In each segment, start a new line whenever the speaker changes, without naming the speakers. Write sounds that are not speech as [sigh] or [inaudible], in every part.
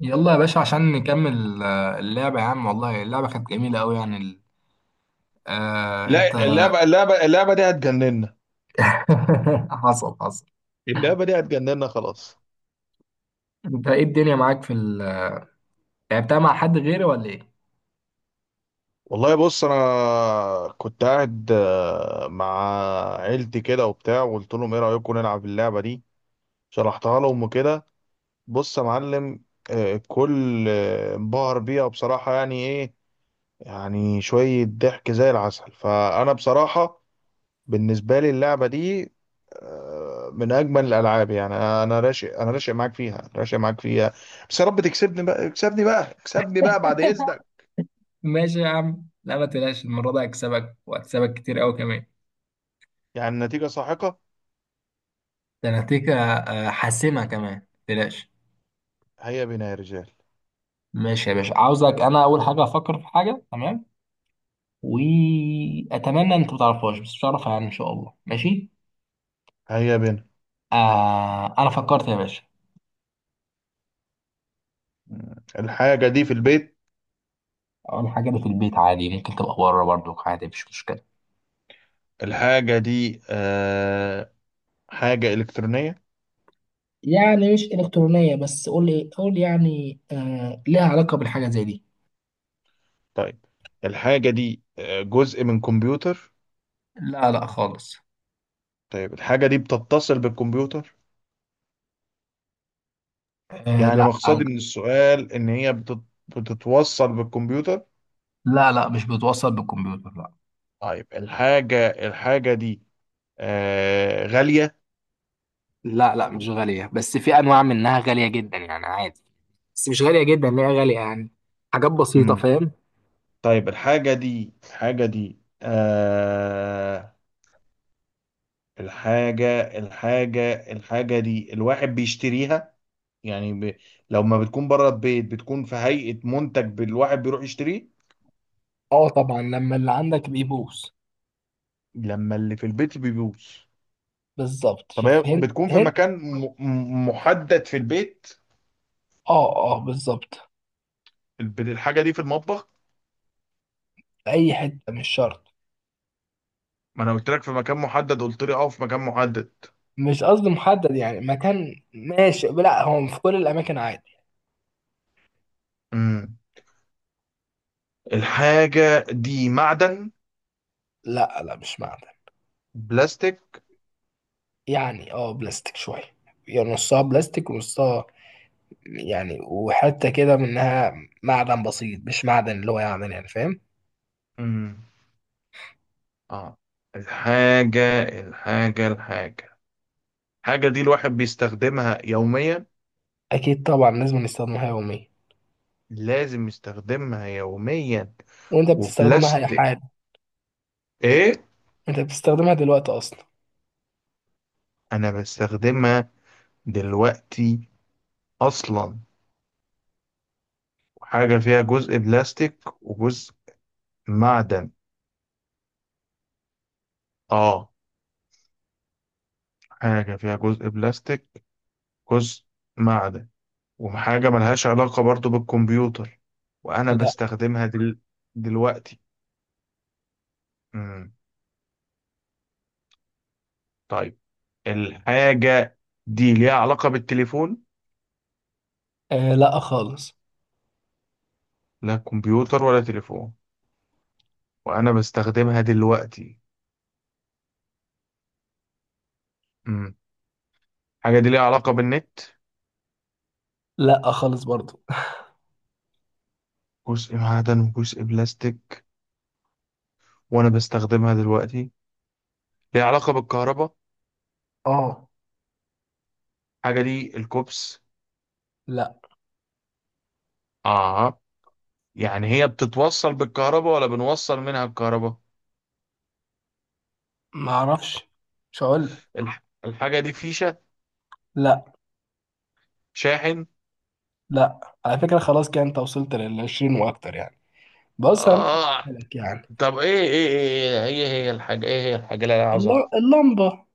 يلا يا باشا عشان نكمل اللعبة يا عم، والله اللعبة كانت جميلة أوي آه أنت.
لا. اللعبة دي هتجننا.
[laughs] حصل حصل.
اللعبة دي هتجننا خلاص.
أنت إيه الدنيا معاك لعبتها مع حد غيري ولا إيه؟
والله بص، انا كنت قاعد مع عيلتي كده وبتاع، وقلت لهم ايه رأيكم نلعب اللعبة دي؟ شرحتها لهم وكده. بص يا معلم، كل انبهر بيها بصراحة، يعني ايه، يعني شوية ضحك زي العسل. فانا بصراحة بالنسبة لي اللعبة دي من أجمل الألعاب. يعني أنا راشق، أنا راشق معاك فيها، راشق معاك فيها. بس يا رب تكسبني بقى، اكسبني بقى، اكسبني بقى بعد إذنك.
ماشي يا عم، لا، ما تقلقش، المرة دي هكسبك وهكسبك كتير أوي كمان.
يعني النتيجة ساحقة.
ده أنا هديك حاسمة كمان، ما تقلقش.
هيا بنا يا رجال.
ماشي يا باشا، عاوزك أنا أول حاجة أفكر في حاجة، تمام؟ وأتمنى أنت ما تعرفهاش، بس مش هعرفها يعني إن شاء الله، ماشي؟
هيا بنا.
أنا فكرت يا باشا.
الحاجة دي في البيت.
اول حاجه اللي في البيت عادي، ممكن تبقى بره برضو عادي، مفيش مشكله.
الحاجة دي حاجة إلكترونية.
يعني مش إلكترونية، بس قول لي، قول يعني آه ليها علاقة بالحاجة زي دي.
طيب، الحاجة دي جزء من كمبيوتر؟
لا لا خالص.
طيب، الحاجة دي بتتصل بالكمبيوتر؟
آه
يعني
لا.
مقصدي من السؤال إن هي بتتوصل بالكمبيوتر.
لا لا مش بتوصل بالكمبيوتر، لا.
طيب، الحاجة دي غالية؟
لا لا مش غالية، بس في أنواع منها غالية جدا يعني عادي. بس مش غالية جدا، ليه غالية يعني، حاجات بسيطة،
مم.
فاهم؟
طيب، الحاجة دي الحاجة دي الواحد بيشتريها، يعني ب... لو ما بتكون بره البيت بتكون في هيئة منتج، الواحد بيروح يشتريه
اه طبعا، لما اللي عندك بيبوظ.
لما اللي في البيت بيبوظ.
بالظبط،
طب
شوف،
هي
هنت
بتكون في
هنت.
مكان محدد في البيت؟
اه اه بالظبط.
الحاجة دي في المطبخ؟
في اي حته، مش شرط.
ما انا قلت لك في مكان محدد، قلت لي اه في مكان محدد.
مش قصدي محدد يعني مكان، ماشي؟ لا، هو في كل الاماكن عادي.
مم. الحاجة دي معدن؟
لا لا مش معدن.
بلاستيك؟
يعني بلاستيك شويه، يعني نصها بلاستيك ونصها، يعني وحته كده منها معدن بسيط، مش معدن اللي هو يعني فاهم؟
مم. اه. الحاجة الحاجة دي الواحد بيستخدمها يوميا؟
اكيد طبعا، لازم نستخدمها يوميا.
لازم يستخدمها يوميا.
وانت بتستخدمها يا
وبلاستيك؟
حاج؟
ايه.
انت بتستخدمها دلوقتي اصلا.
انا بستخدمها دلوقتي اصلا. حاجة فيها جزء بلاستيك وجزء معدن. اه. حاجة فيها جزء بلاستيك، جزء معدن، وحاجة ملهاش علاقة برضو بالكمبيوتر، وأنا
لا.
دلوقتي. مم. طيب، الحاجة دي ليها علاقة بالتليفون؟
آه لا خالص.
لا كمبيوتر ولا تليفون، وأنا بستخدمها دلوقتي. مم. الحاجة دي ليها علاقة بالنت؟
لا خالص برضو.
جزء معدن وجزء بلاستيك، وأنا بستخدمها دلوقتي. ليها علاقة بالكهرباء.
اه.
الحاجة دي الكوبس؟
لا،
آه. يعني هي بتتوصل بالكهرباء ولا بنوصل منها الكهرباء؟
ما اعرفش، مش هقول لك.
الحاجة دي فيشة؟
لا.
شاحن؟
لا. على فكره خلاص كده انت وصلت لل 20 واكتر يعني. بص انا ممكن
آه.
أقولها لك يعني.
طب ايه ايه ايه ايه، هي هي الحاجة، ايه هي الحاجة اللي انا عاوز اعرفها؟
اللمبه.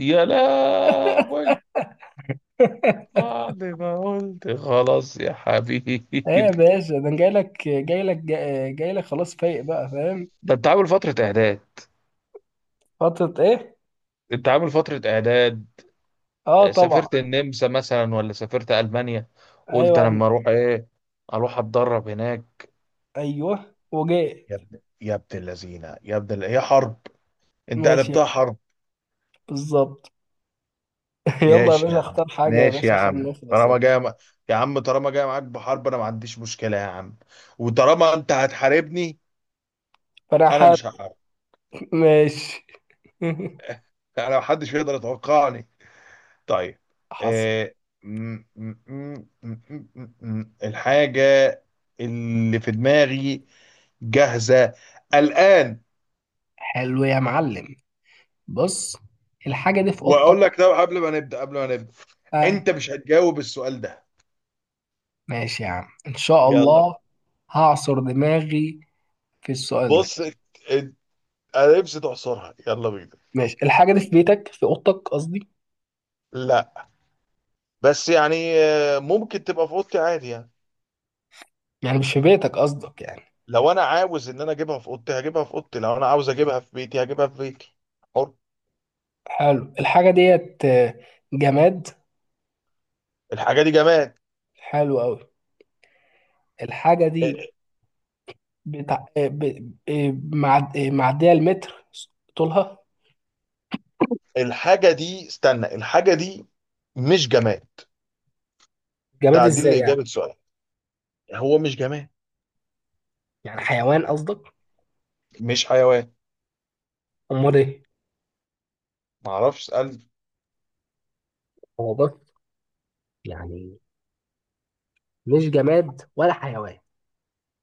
يا لهوي!
[laughs]
بعد ما قلت خلاص يا حبيبي.
ايه يا
[laughs]
باشا، ده انا جاي لك جاي لك، جاي لك خلاص، فايق بقى، فاهم؟
ده انت عامل فترة اعداد.
فتره ايه؟
انت عامل فترة اعداد.
اه طبعا.
سافرت النمسا مثلا، ولا سافرت المانيا؟ قلت أنا
ايوه.
لما اروح ايه، اروح اتدرب هناك.
ايوه وجاي.
يا ابن اللذينه، هي حرب. انت
ماشي،
قلبتها حرب.
بالظبط. [laughs] يلا يا
ماشي يا
باشا،
عم،
اختار حاجه يا
ماشي يا
باشا عشان
عم.
نخلص يا باشا.
يا عم طالما جاي معاك بحرب انا ما عنديش مشكله يا عم. وطالما انت هتحاربني،
فانا
انا
حاط.
مش هحارب.
ماشي. [laughs]
انا ما حدش يقدر يتوقعني. طيب.
حصل.
آه... م... م... م... م... م... الحاجه اللي في دماغي جاهزه الان.
حلو يا معلم، بص، الحاجه دي في
واقول
اوضتك.
لك ده قبل ما نبدا، قبل ما نبدا،
اه.
انت مش هتجاوب السؤال ده.
ماشي يا عم، ان شاء
يلا.
الله. هعصر دماغي في السؤال ده.
بص انت- انا نفسي تعصرها، يلا بينا.
ماشي، الحاجة دي في بيتك، في أوضتك قصدي.
لا، بس يعني ممكن تبقى في اوضتي عادي يعني.
يعني مش في بيتك قصدك يعني.
لو انا عاوز ان انا اجيبها في اوضتي هجيبها في اوضتي، لو انا عاوز اجيبها في بيتي هجيبها في بيتي. حر.
حلو، الحاجة ديت جماد.
الحاجه دي جماد.
حلو أوي. الحاجة دي
آه،
بتاع معدية المتر طولها.
الحاجه دي، استنى، الحاجه دي مش جماد.
جماد
تعديل
ازاي يعني؟
لاجابه سؤال. هو مش جماد.
يعني حيوان قصدك؟
مش حيوان.
أمال ايه؟
معرفش اسال.
هو بص، يعني مش جماد ولا حيوان؟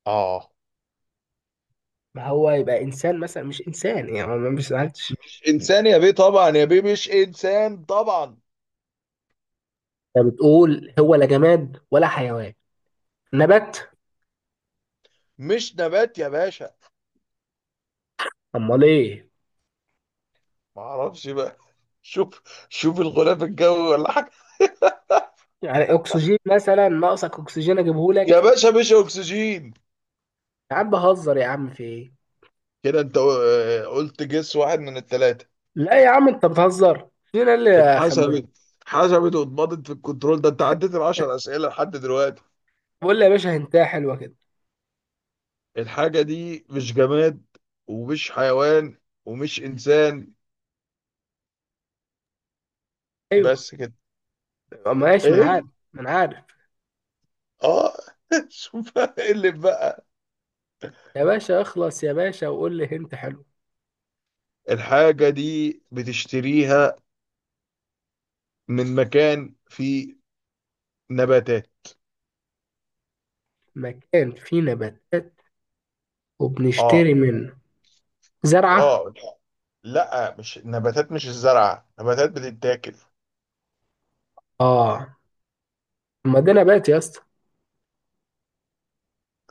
اه.
ما هو يبقى إنسان مثلا، مش إنسان يعني، ما مش سألتش.
مش انسان يا بيه طبعا، يا بيه مش انسان طبعا.
أنت بتقول هو لا جماد ولا حيوان، نبات؟
مش نبات يا باشا.
أمال ايه؟
معرفش بقى. [laughs] شوف، شوف الغلاف الجوي ولا حاجه.
يعني اكسجين مثلا، ناقصك اكسجين اجيبه
يا
لك؟
باشا مش اكسجين.
يا عم بهزر، يا عم، في ايه؟
كده انت قلت جس واحد من الثلاثه.
لا يا عم، انت بتهزر، فين اللي اخمنه؟
اتحسبت. اتحسبت واتبضت في الكنترول، ده انت عديت العشر اسئله لحد دلوقتي.
بقول لي يا باشا هنتايه حلوه كده.
الحاجه دي مش جماد، ومش حيوان، ومش انسان.
ايوه.
بس كده.
ماشي، من عارف.
ايه.
من عارف.
اه. [laughs] شوف ايه اللي بقى.
يا باشا اخلص يا باشا، وقول لي هنت، حلو.
الحاجه دي بتشتريها من مكان فيه نباتات.
مكان فيه نباتات
اه.
وبنشتري منه زرعه؟
اه. لا مش نباتات، مش الزرع، نباتات بتتاكل.
اه. ما ده نبات يا اسطى.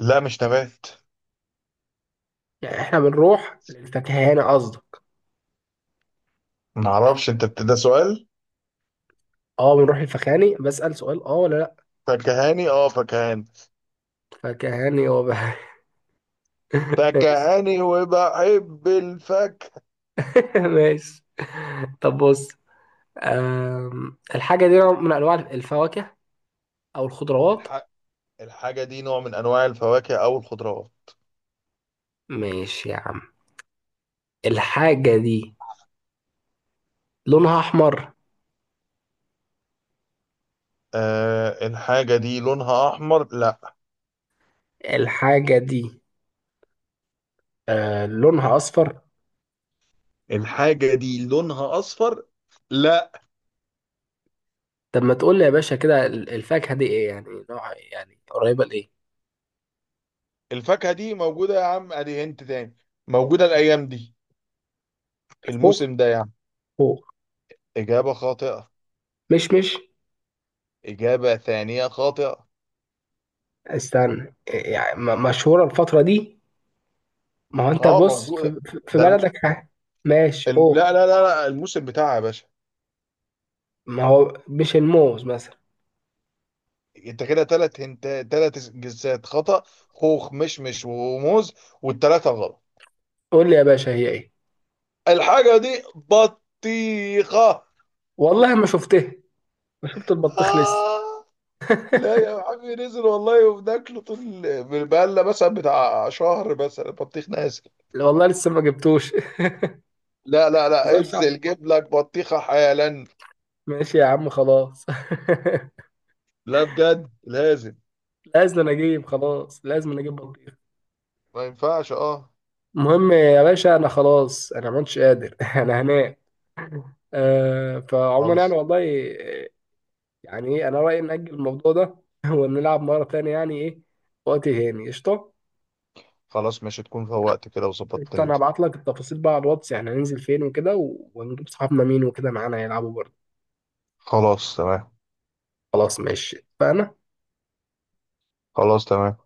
لا مش نبات.
يعني احنا بنروح للفكهاني قصدي؟
معرفش. ده سؤال؟
اه، بنروح للفكهاني بسأل سؤال، اه ولا لا؟
فكهاني، اه فكهاني.
فكهاني هو بقى. [laughs] ماشي.
فكهاني وبحب الفاكهة.
[laughs] ماشي، طب بص، الحاجة دي نوع من أنواع الفواكه أو الخضروات.
الح... الحاجة دي نوع من أنواع الفواكه أو الخضروات.
ماشي يا عم. الحاجة دي لونها أحمر؟
آه الحاجة دي لونها أحمر؟ لا.
الحاجة دي لونها أصفر؟
الحاجة دي لونها أصفر؟ لا.
طب ما تقول لي يا باشا كده، الفاكهة دي إيه، يعني نوع، يعني قريبة لإيه؟
الفاكهة دي موجودة يا عم، أدي أنت تاني، موجودة الأيام دي، في
خوخ.
الموسم ده يعني.
خوخ.
إجابة خاطئة.
مش
إجابة ثانية خاطئة.
استنى، إيه يعني، مشهورة الفترة دي؟ ما هو أنت
اه
بص في,
موجودة.
في في
ده الم...
بلدك ماشي أوه.
لا لا لا لا، الموسم بتاعها يا باشا.
ما هو مش الموز مثلا؟
انت كده تلات هنت، تلات جنسات خطأ: خوخ، مشمش، وموز، والتلاتة غلط.
قول لي يا باشا هي إيه.
الحاجة دي بطيخة.
والله ما شفتها، ما شفت البطيخ لسه.
آه. لا يا عمي، نزل والله وبناكله طول، بقالنا مثلا بتاع شهر مثلا بطيخ نازل.
لا والله لسه ما جبتوش.
لا
[laughs]
لا لا،
هزار شعر.
انزل جيب لك بطيخة حالا.
ماشي يا عم، خلاص.
لا بجد لازم.
[laughs] لازم انا اجيب، خلاص لازم انا اجيب بطيخ.
ما ينفعش. اه.
المهم يا باشا انا خلاص، انا ما كنتش قادر. [laughs] انا هنام. فعموما يعني
خلص.
والله، آه، يعني ايه، انا رايي ناجل الموضوع ده. [laughs] ونلعب مره تانية يعني ايه، وقت هاني، قشطه.
خلاص ماشي، تكون فوقت كده وظبطت
قشطه، انا
انت.
هبعت لك التفاصيل بقى على الواتس، يعني هننزل فين وكده ونجيب صحابنا مين وكده معانا يلعبوا برضه.
خلاص تمام.
خلاص ماشي اتفقنا.
خلاص تمام.